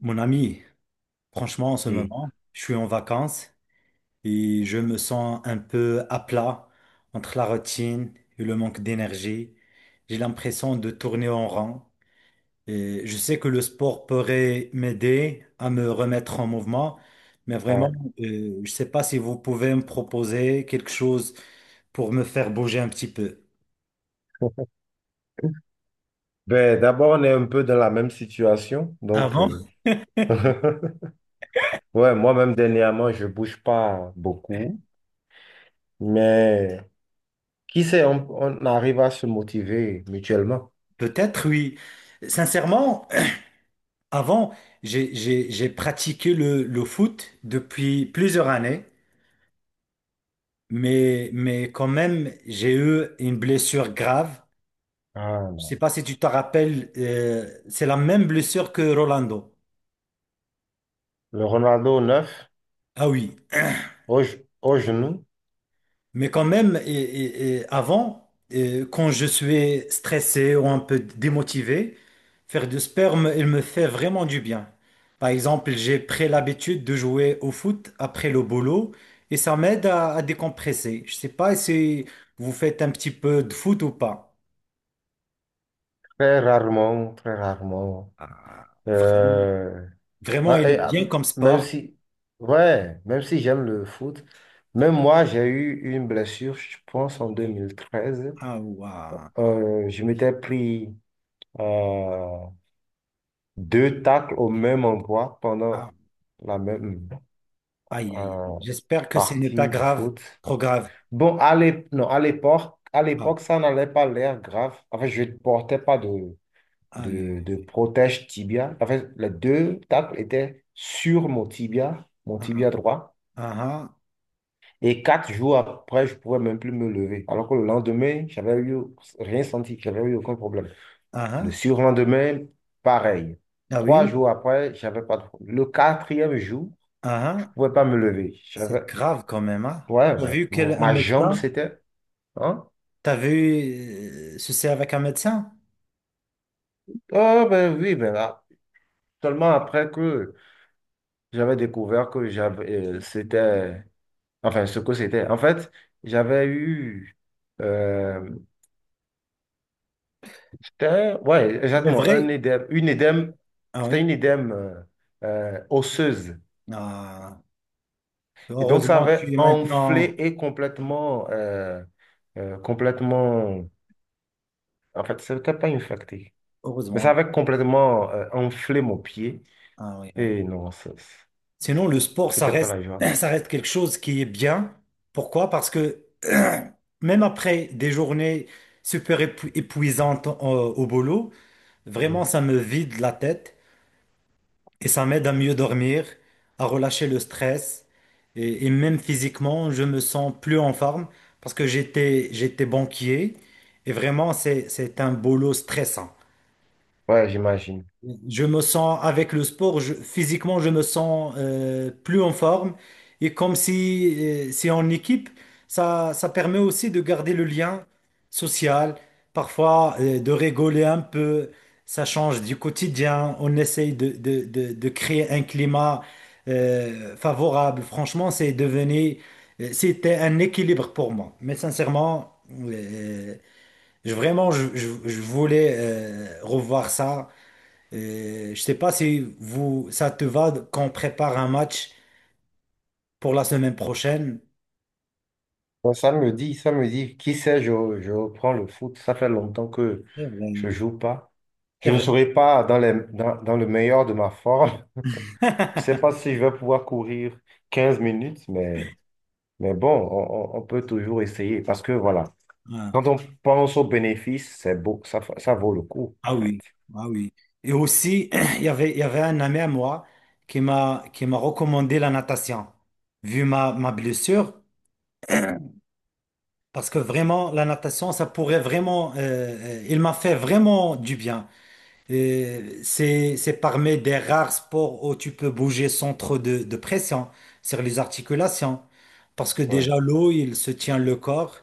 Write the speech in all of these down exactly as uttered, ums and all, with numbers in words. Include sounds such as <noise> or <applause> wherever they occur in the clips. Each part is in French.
Mon ami, franchement, en ce Oui. moment, je suis en vacances et je me sens un peu à plat entre la routine et le manque d'énergie. J'ai l'impression de tourner en rond. Et je sais que le sport pourrait m'aider à me remettre en mouvement, mais vraiment, Ouais. euh, je ne sais pas si vous pouvez me proposer quelque chose pour me faire bouger un petit peu. <laughs> Ben, d'abord, on est un peu dans la même situation. Donc, Avant, euh, <laughs> ouais, moi-même, dernièrement, je bouge pas beaucoup. Mais qui sait, on, on arrive à se motiver mutuellement. peut-être oui. Sincèrement, avant, j'ai j'ai- j'ai pratiqué le, le foot depuis plusieurs années, mais, mais quand même, j'ai eu une blessure grave. Ah, Je sais non. pas si tu te rappelles, euh, c'est la même blessure que Rolando. Le Ronaldo neuf, Ah oui, au, ge- au genou. mais quand même, et, et- et avant, et quand je suis stressé ou un peu démotivé, faire du sperme, il me fait vraiment du bien. Par exemple, j'ai pris l'habitude de jouer au foot après le boulot et ça m'aide à, à décompresser. Je sais pas si vous faites un petit peu de foot ou pas. Très rarement, très rarement. Ah, vraiment, Euh, vraiment, ah, il est et, ah, bien comme même sport. si, ouais, même si j'aime le foot, même moi, j'ai eu une blessure, je pense, en deux mille treize. Ah, ouah. Euh, je m'étais pris euh, deux tacles au même endroit pendant Ah, la même aïe, aïe, aïe. euh, J'espère que ce n'est partie pas de grave, foot. trop grave. Bon, à l'ép- non, à l'époque, à Ah, l'époque, ça n'allait pas l'air grave. Enfin, je ne portais pas de, aïe, de, aïe, de aïe. protège tibia. Enfin, les deux tacles étaient sur mon tibia, mon Ah, ah, tibia droit. ah, Et quatre jours après, je ne pouvais même plus me lever. Alors que le lendemain, j'avais eu rien senti, j'avais eu aucun problème. ah. Le Ah. surlendemain, pareil. Ah oui, Trois jours après, j'avais pas de problème. Le quatrième jour, ah, je ah, pouvais pas me lever. J'avais, c'est grave quand même, hein. ouais, T'as ouais ouais. vu quel Mon- un ma jambe, médecin? c'était, hein? T'as vu euh, ceci avec un médecin? Oh, ben oui, ben là. Seulement après que j'avais découvert que j'avais, euh, c'était, enfin, ce que c'était. En fait, j'avais eu, euh, c'était, ouais, C'est exactement, un vrai. édème, une édème, Ah c'était oui. une édème euh, euh, osseuse. Ah, Et donc, ça heureusement, avait tu es maintenant. enflé et complètement, euh, euh, complètement, en fait, c'était pas infecté. Mais ça Heureusement. avait complètement euh, enflé mon pied. Ah oui, oui. Et non, c'est- Sinon, le sport, ça c'était pas reste, la joie. <clears throat> ça reste quelque chose qui est bien. Pourquoi? Parce que <clears throat> même après des journées super épu- épuisantes au, au boulot, vraiment, Mm. ça me vide la tête. Et ça m'aide à mieux dormir, à relâcher le stress. Et, et même physiquement, je me sens plus en forme parce que j'étais, j'étais banquier. Et vraiment, c'est, c'est un boulot stressant. Ouais, j'imagine. Je me sens, avec le sport, je- physiquement, je me sens euh, plus en forme. Et comme si euh, c'est en équipe, ça, ça permet aussi de garder le lien social, parfois euh, de rigoler un peu. Ça change du quotidien. On essaye de, de, de, de créer un climat euh, favorable. Franchement, c'est devenu, euh, c'était un équilibre pour moi. Mais sincèrement, euh, je, vraiment, je, je, je voulais euh, revoir ça. Euh, je sais pas si vous, ça te va qu'on prépare un match pour la semaine prochaine. Bon, ça me dit, ça me dit, qui sait, je, je reprends le foot. Ça fait longtemps que C'est vrai. je joue pas. C'est Je ne serai pas dans les, dans, dans le meilleur de ma forme. <laughs> Je vrai. sais pas <laughs> si je vais pouvoir courir quinze minutes, mais, mais bon, on, on- on peut toujours essayer parce que voilà. Ah, Quand on pense aux bénéfices, c'est beau, ça, fa- ça vaut le coup, en ah fait. oui, ah oui. Et aussi, <clears throat> il y avait, il y avait un ami à moi qui m'a, qui m'a recommandé la natation, vu ma, ma blessure, parce que vraiment, la natation, ça pourrait vraiment, euh, euh, il m'a fait vraiment du bien. Euh, c'est, c'est parmi des rares sports où tu peux bouger sans trop de, de pression sur les articulations. Parce que Ouais. déjà, l'eau, il se tient le corps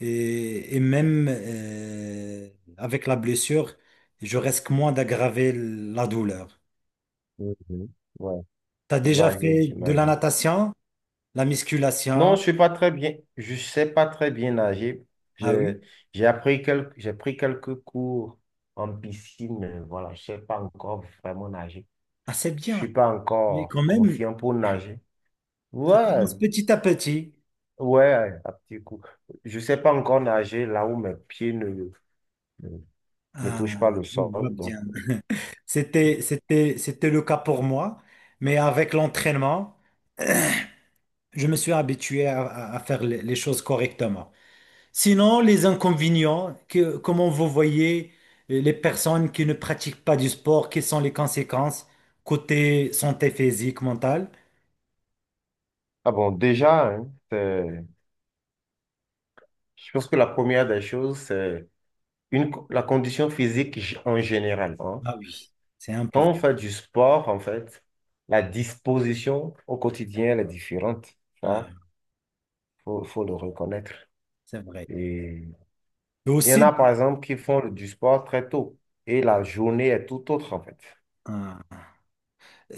et, et même euh, avec la blessure, je risque moins d'aggraver la douleur. Mhm. Ouais, T'as déjà j'imagine, fait de la j'imagine. natation, la Non, musculation? je suis pas très bien, je sais pas très bien nager. Ah oui? J'ai, j'ai appris quelques, j'ai pris quelques cours en piscine, mais voilà, je sais pas encore vraiment nager. Ah, c'est Je bien. suis pas Mais encore quand même, confiant pour nager. ça Ouais, commence petit à petit. ouais, à petit coup. Je sais pas encore nager là où mes pieds ne, ne, ne Ah, touchent pas le je vois sol, donc. bien. Bon. C'était, c'était, c'était le cas pour moi, mais avec l'entraînement, je me suis habitué à, à- à faire les, les choses correctement. Sinon, les inconvénients, que, comment vous voyez euh, les personnes qui ne pratiquent pas du sport, quelles sont les conséquences côté santé physique, mentale? Ah bon, déjà, hein, c'est- je pense que la première des choses, c'est une... la condition physique g- en général. Hein. Ah oui, c'est Quand important. on fait du sport, en fait, la disposition au quotidien, elle est différente. Ça, Ah, faut, faut le reconnaître. c'est vrai. Et Il y en aussi, a, par exemple, qui font du sport très tôt et la journée est tout autre, en fait. ah.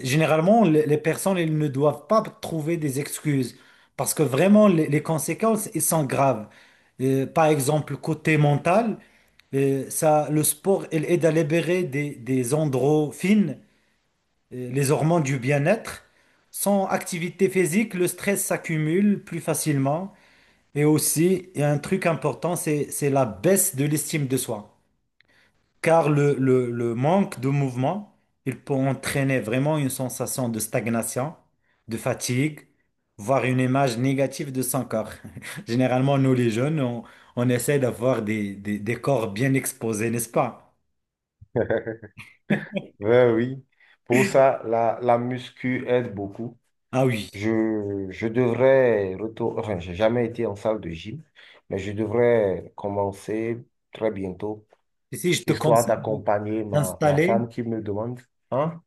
Généralement, les les personnes, elles ne doivent pas trouver des excuses parce que vraiment, les les conséquences, elles sont graves. Euh, par exemple, côté mental, euh, ça, le sport, il aide à libérer des, des endorphines, euh, les hormones du bien-être. Sans activité physique, le stress s'accumule plus facilement. Et aussi, il y a un truc important, c'est, c'est la baisse de l'estime de soi. Car le, le- le manque de mouvement, il peut entraîner vraiment une sensation de stagnation, de fatigue, voire une image négative de son corps. <laughs> Généralement, nous les jeunes, on, on essaie d'avoir des, des- des corps bien exposés, n'est-ce pas? Ouais, oui. Pour ça, la, la muscu aide beaucoup. Ah oui. Je, je devrais retourner, enfin, j'ai jamais été en salle de gym, mais je devrais commencer très bientôt, Ici, je te histoire conseille de- d'accompagner ma, ma d'installer femme qui me demande. Hein?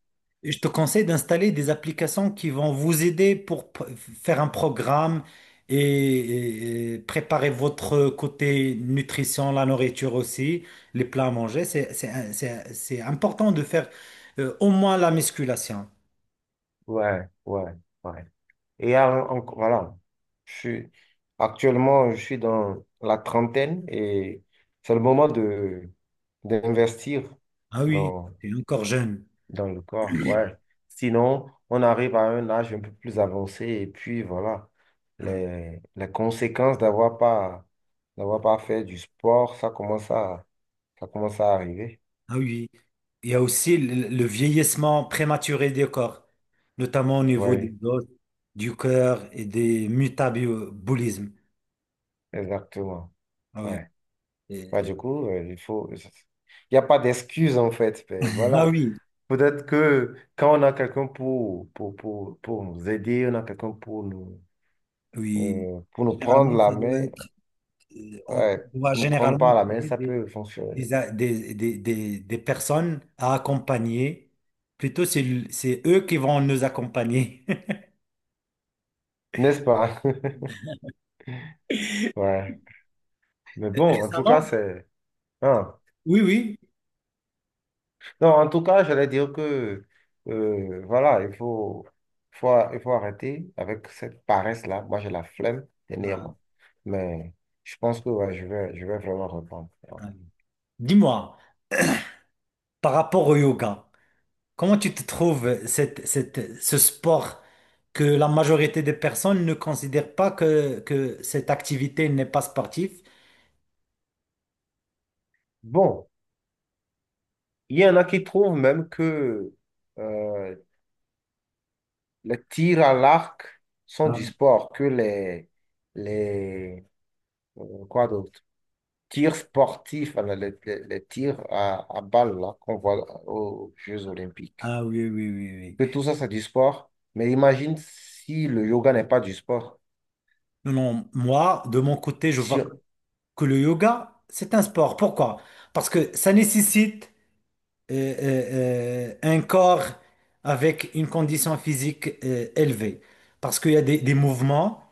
je te conseille d'installer des applications qui vont vous aider pour p- faire un programme et, et- et préparer votre côté nutrition, la nourriture aussi, les plats à manger. C'est, c'est, un- c'est c'est important de faire euh, au moins la musculation. Ouais, ouais, ouais. Et alors, en- voilà, je suis, actuellement, je suis dans la trentaine et c'est le moment de d'investir Ah oui, dans, t'es encore jeune. dans le corps. Ouais. Sinon, on arrive à un âge un peu plus avancé et puis voilà, Ah les, les conséquences d'avoir pas, d'avoir pas fait du sport, ça commence à, ça commence à arriver. ah oui. Il y a aussi le, le vieillissement prématuré du corps, notamment au niveau des Oui, os, du cœur et des métabolismes. exactement. Ah oui. Ouais. Bah, Et- du coup, euh, il faut... il n'y a pas d'excuse, en fait. Ben, <laughs> ah voilà. oui. Peut-être que quand on a quelqu'un pour, pour, pour, pour nous aider, on a quelqu'un pour nous, Oui, euh, pour nous prendre généralement, la ça doit main, être, euh, on ouais, doit pour nous prendre généralement par la main, trouver ça des, peut fonctionner, des, a- des, des, des, des personnes à accompagner. Plutôt, c'est, l- c'est eux qui vont nous accompagner. n'est-ce pas? <laughs> <laughs> Ouais. Mais bon, en tout cas, Récemment? c'est, hein. Oui, oui. Non, en tout cas, j'allais dire que, euh, voilà, il faut, faut, il faut arrêter avec cette paresse-là. Moi, j'ai la flemme, Ah, dernièrement. Mais je pense que ouais, je vais, je vais vraiment reprendre. Ouais. ah oui. Dis-moi, par rapport au yoga, comment tu te trouves cette, cette, ce sport que la majorité des personnes ne considèrent pas que, que cette activité n'est pas sportive? Bon, il y en a qui trouvent même que euh, les tirs à l'arc sont Ah du oui, sport, que les, les euh, quoi d'autre? Tirs sportifs, voilà, les, les- les tirs à, à balles là, qu'on voit aux Jeux olympiques. ah oui, oui, oui. Que Oui. tout ça, c'est du sport. Mais imagine si le yoga n'est pas du sport. Non, non, moi, de mon côté, je Si vois que le yoga, c'est un sport. Pourquoi? Parce que ça nécessite euh, euh, euh, un corps avec une condition physique euh, élevée. Parce qu'il y a des, des mouvements,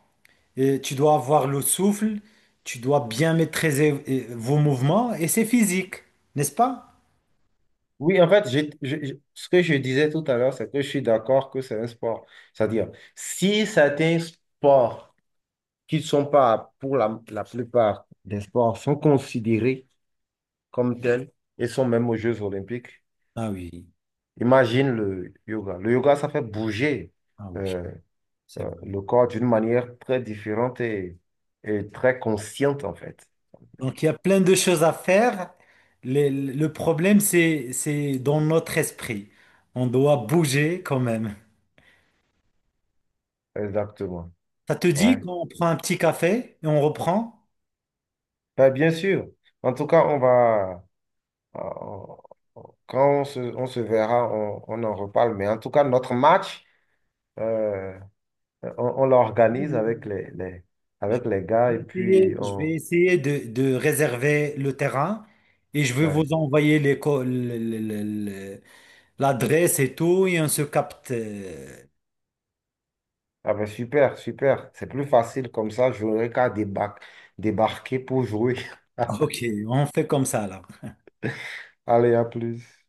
euh, tu dois avoir le souffle, tu dois bien maîtriser euh, vos mouvements et c'est physique, n'est-ce pas? Oui, en fait, j'ai- je- je- ce que je disais tout à l'heure, c'est que je suis d'accord que c'est un sport. C'est-à-dire, si certains sports qui ne sont pas pour la la plupart des sports sont considérés comme tels et sont même aux Jeux olympiques. Ah oui, Imagine le yoga. Le yoga, ça fait bouger ah oui, euh, c'est euh, vrai. le corps d'une manière très différente et, et très consciente, en fait. Donc il y a plein de choses à faire. Le, le problème, c'est, c'est dans notre esprit. On doit bouger quand même. Exactement. Ça te dit Ouais. qu'on prend un petit café et on reprend? Ben, bien sûr. En tout cas, on va... on- on- quand on se, on se verra, on, on en reparle. Mais en tout cas, notre match, euh, on, on Oui, l'organise avec oui, les, les- oui. avec les Je gars et vais puis essayer, je vais on... essayer de, de réserver le terrain et je vais ouais. vous envoyer les co- le- le- le- le- l'adresse et tout et on se capte. euh, Ah ben super, super. C'est plus facile comme ça. J'aurais qu'à débar- débarquer pour jouer. Ok, on fait comme ça là. <laughs> Allez, à plus.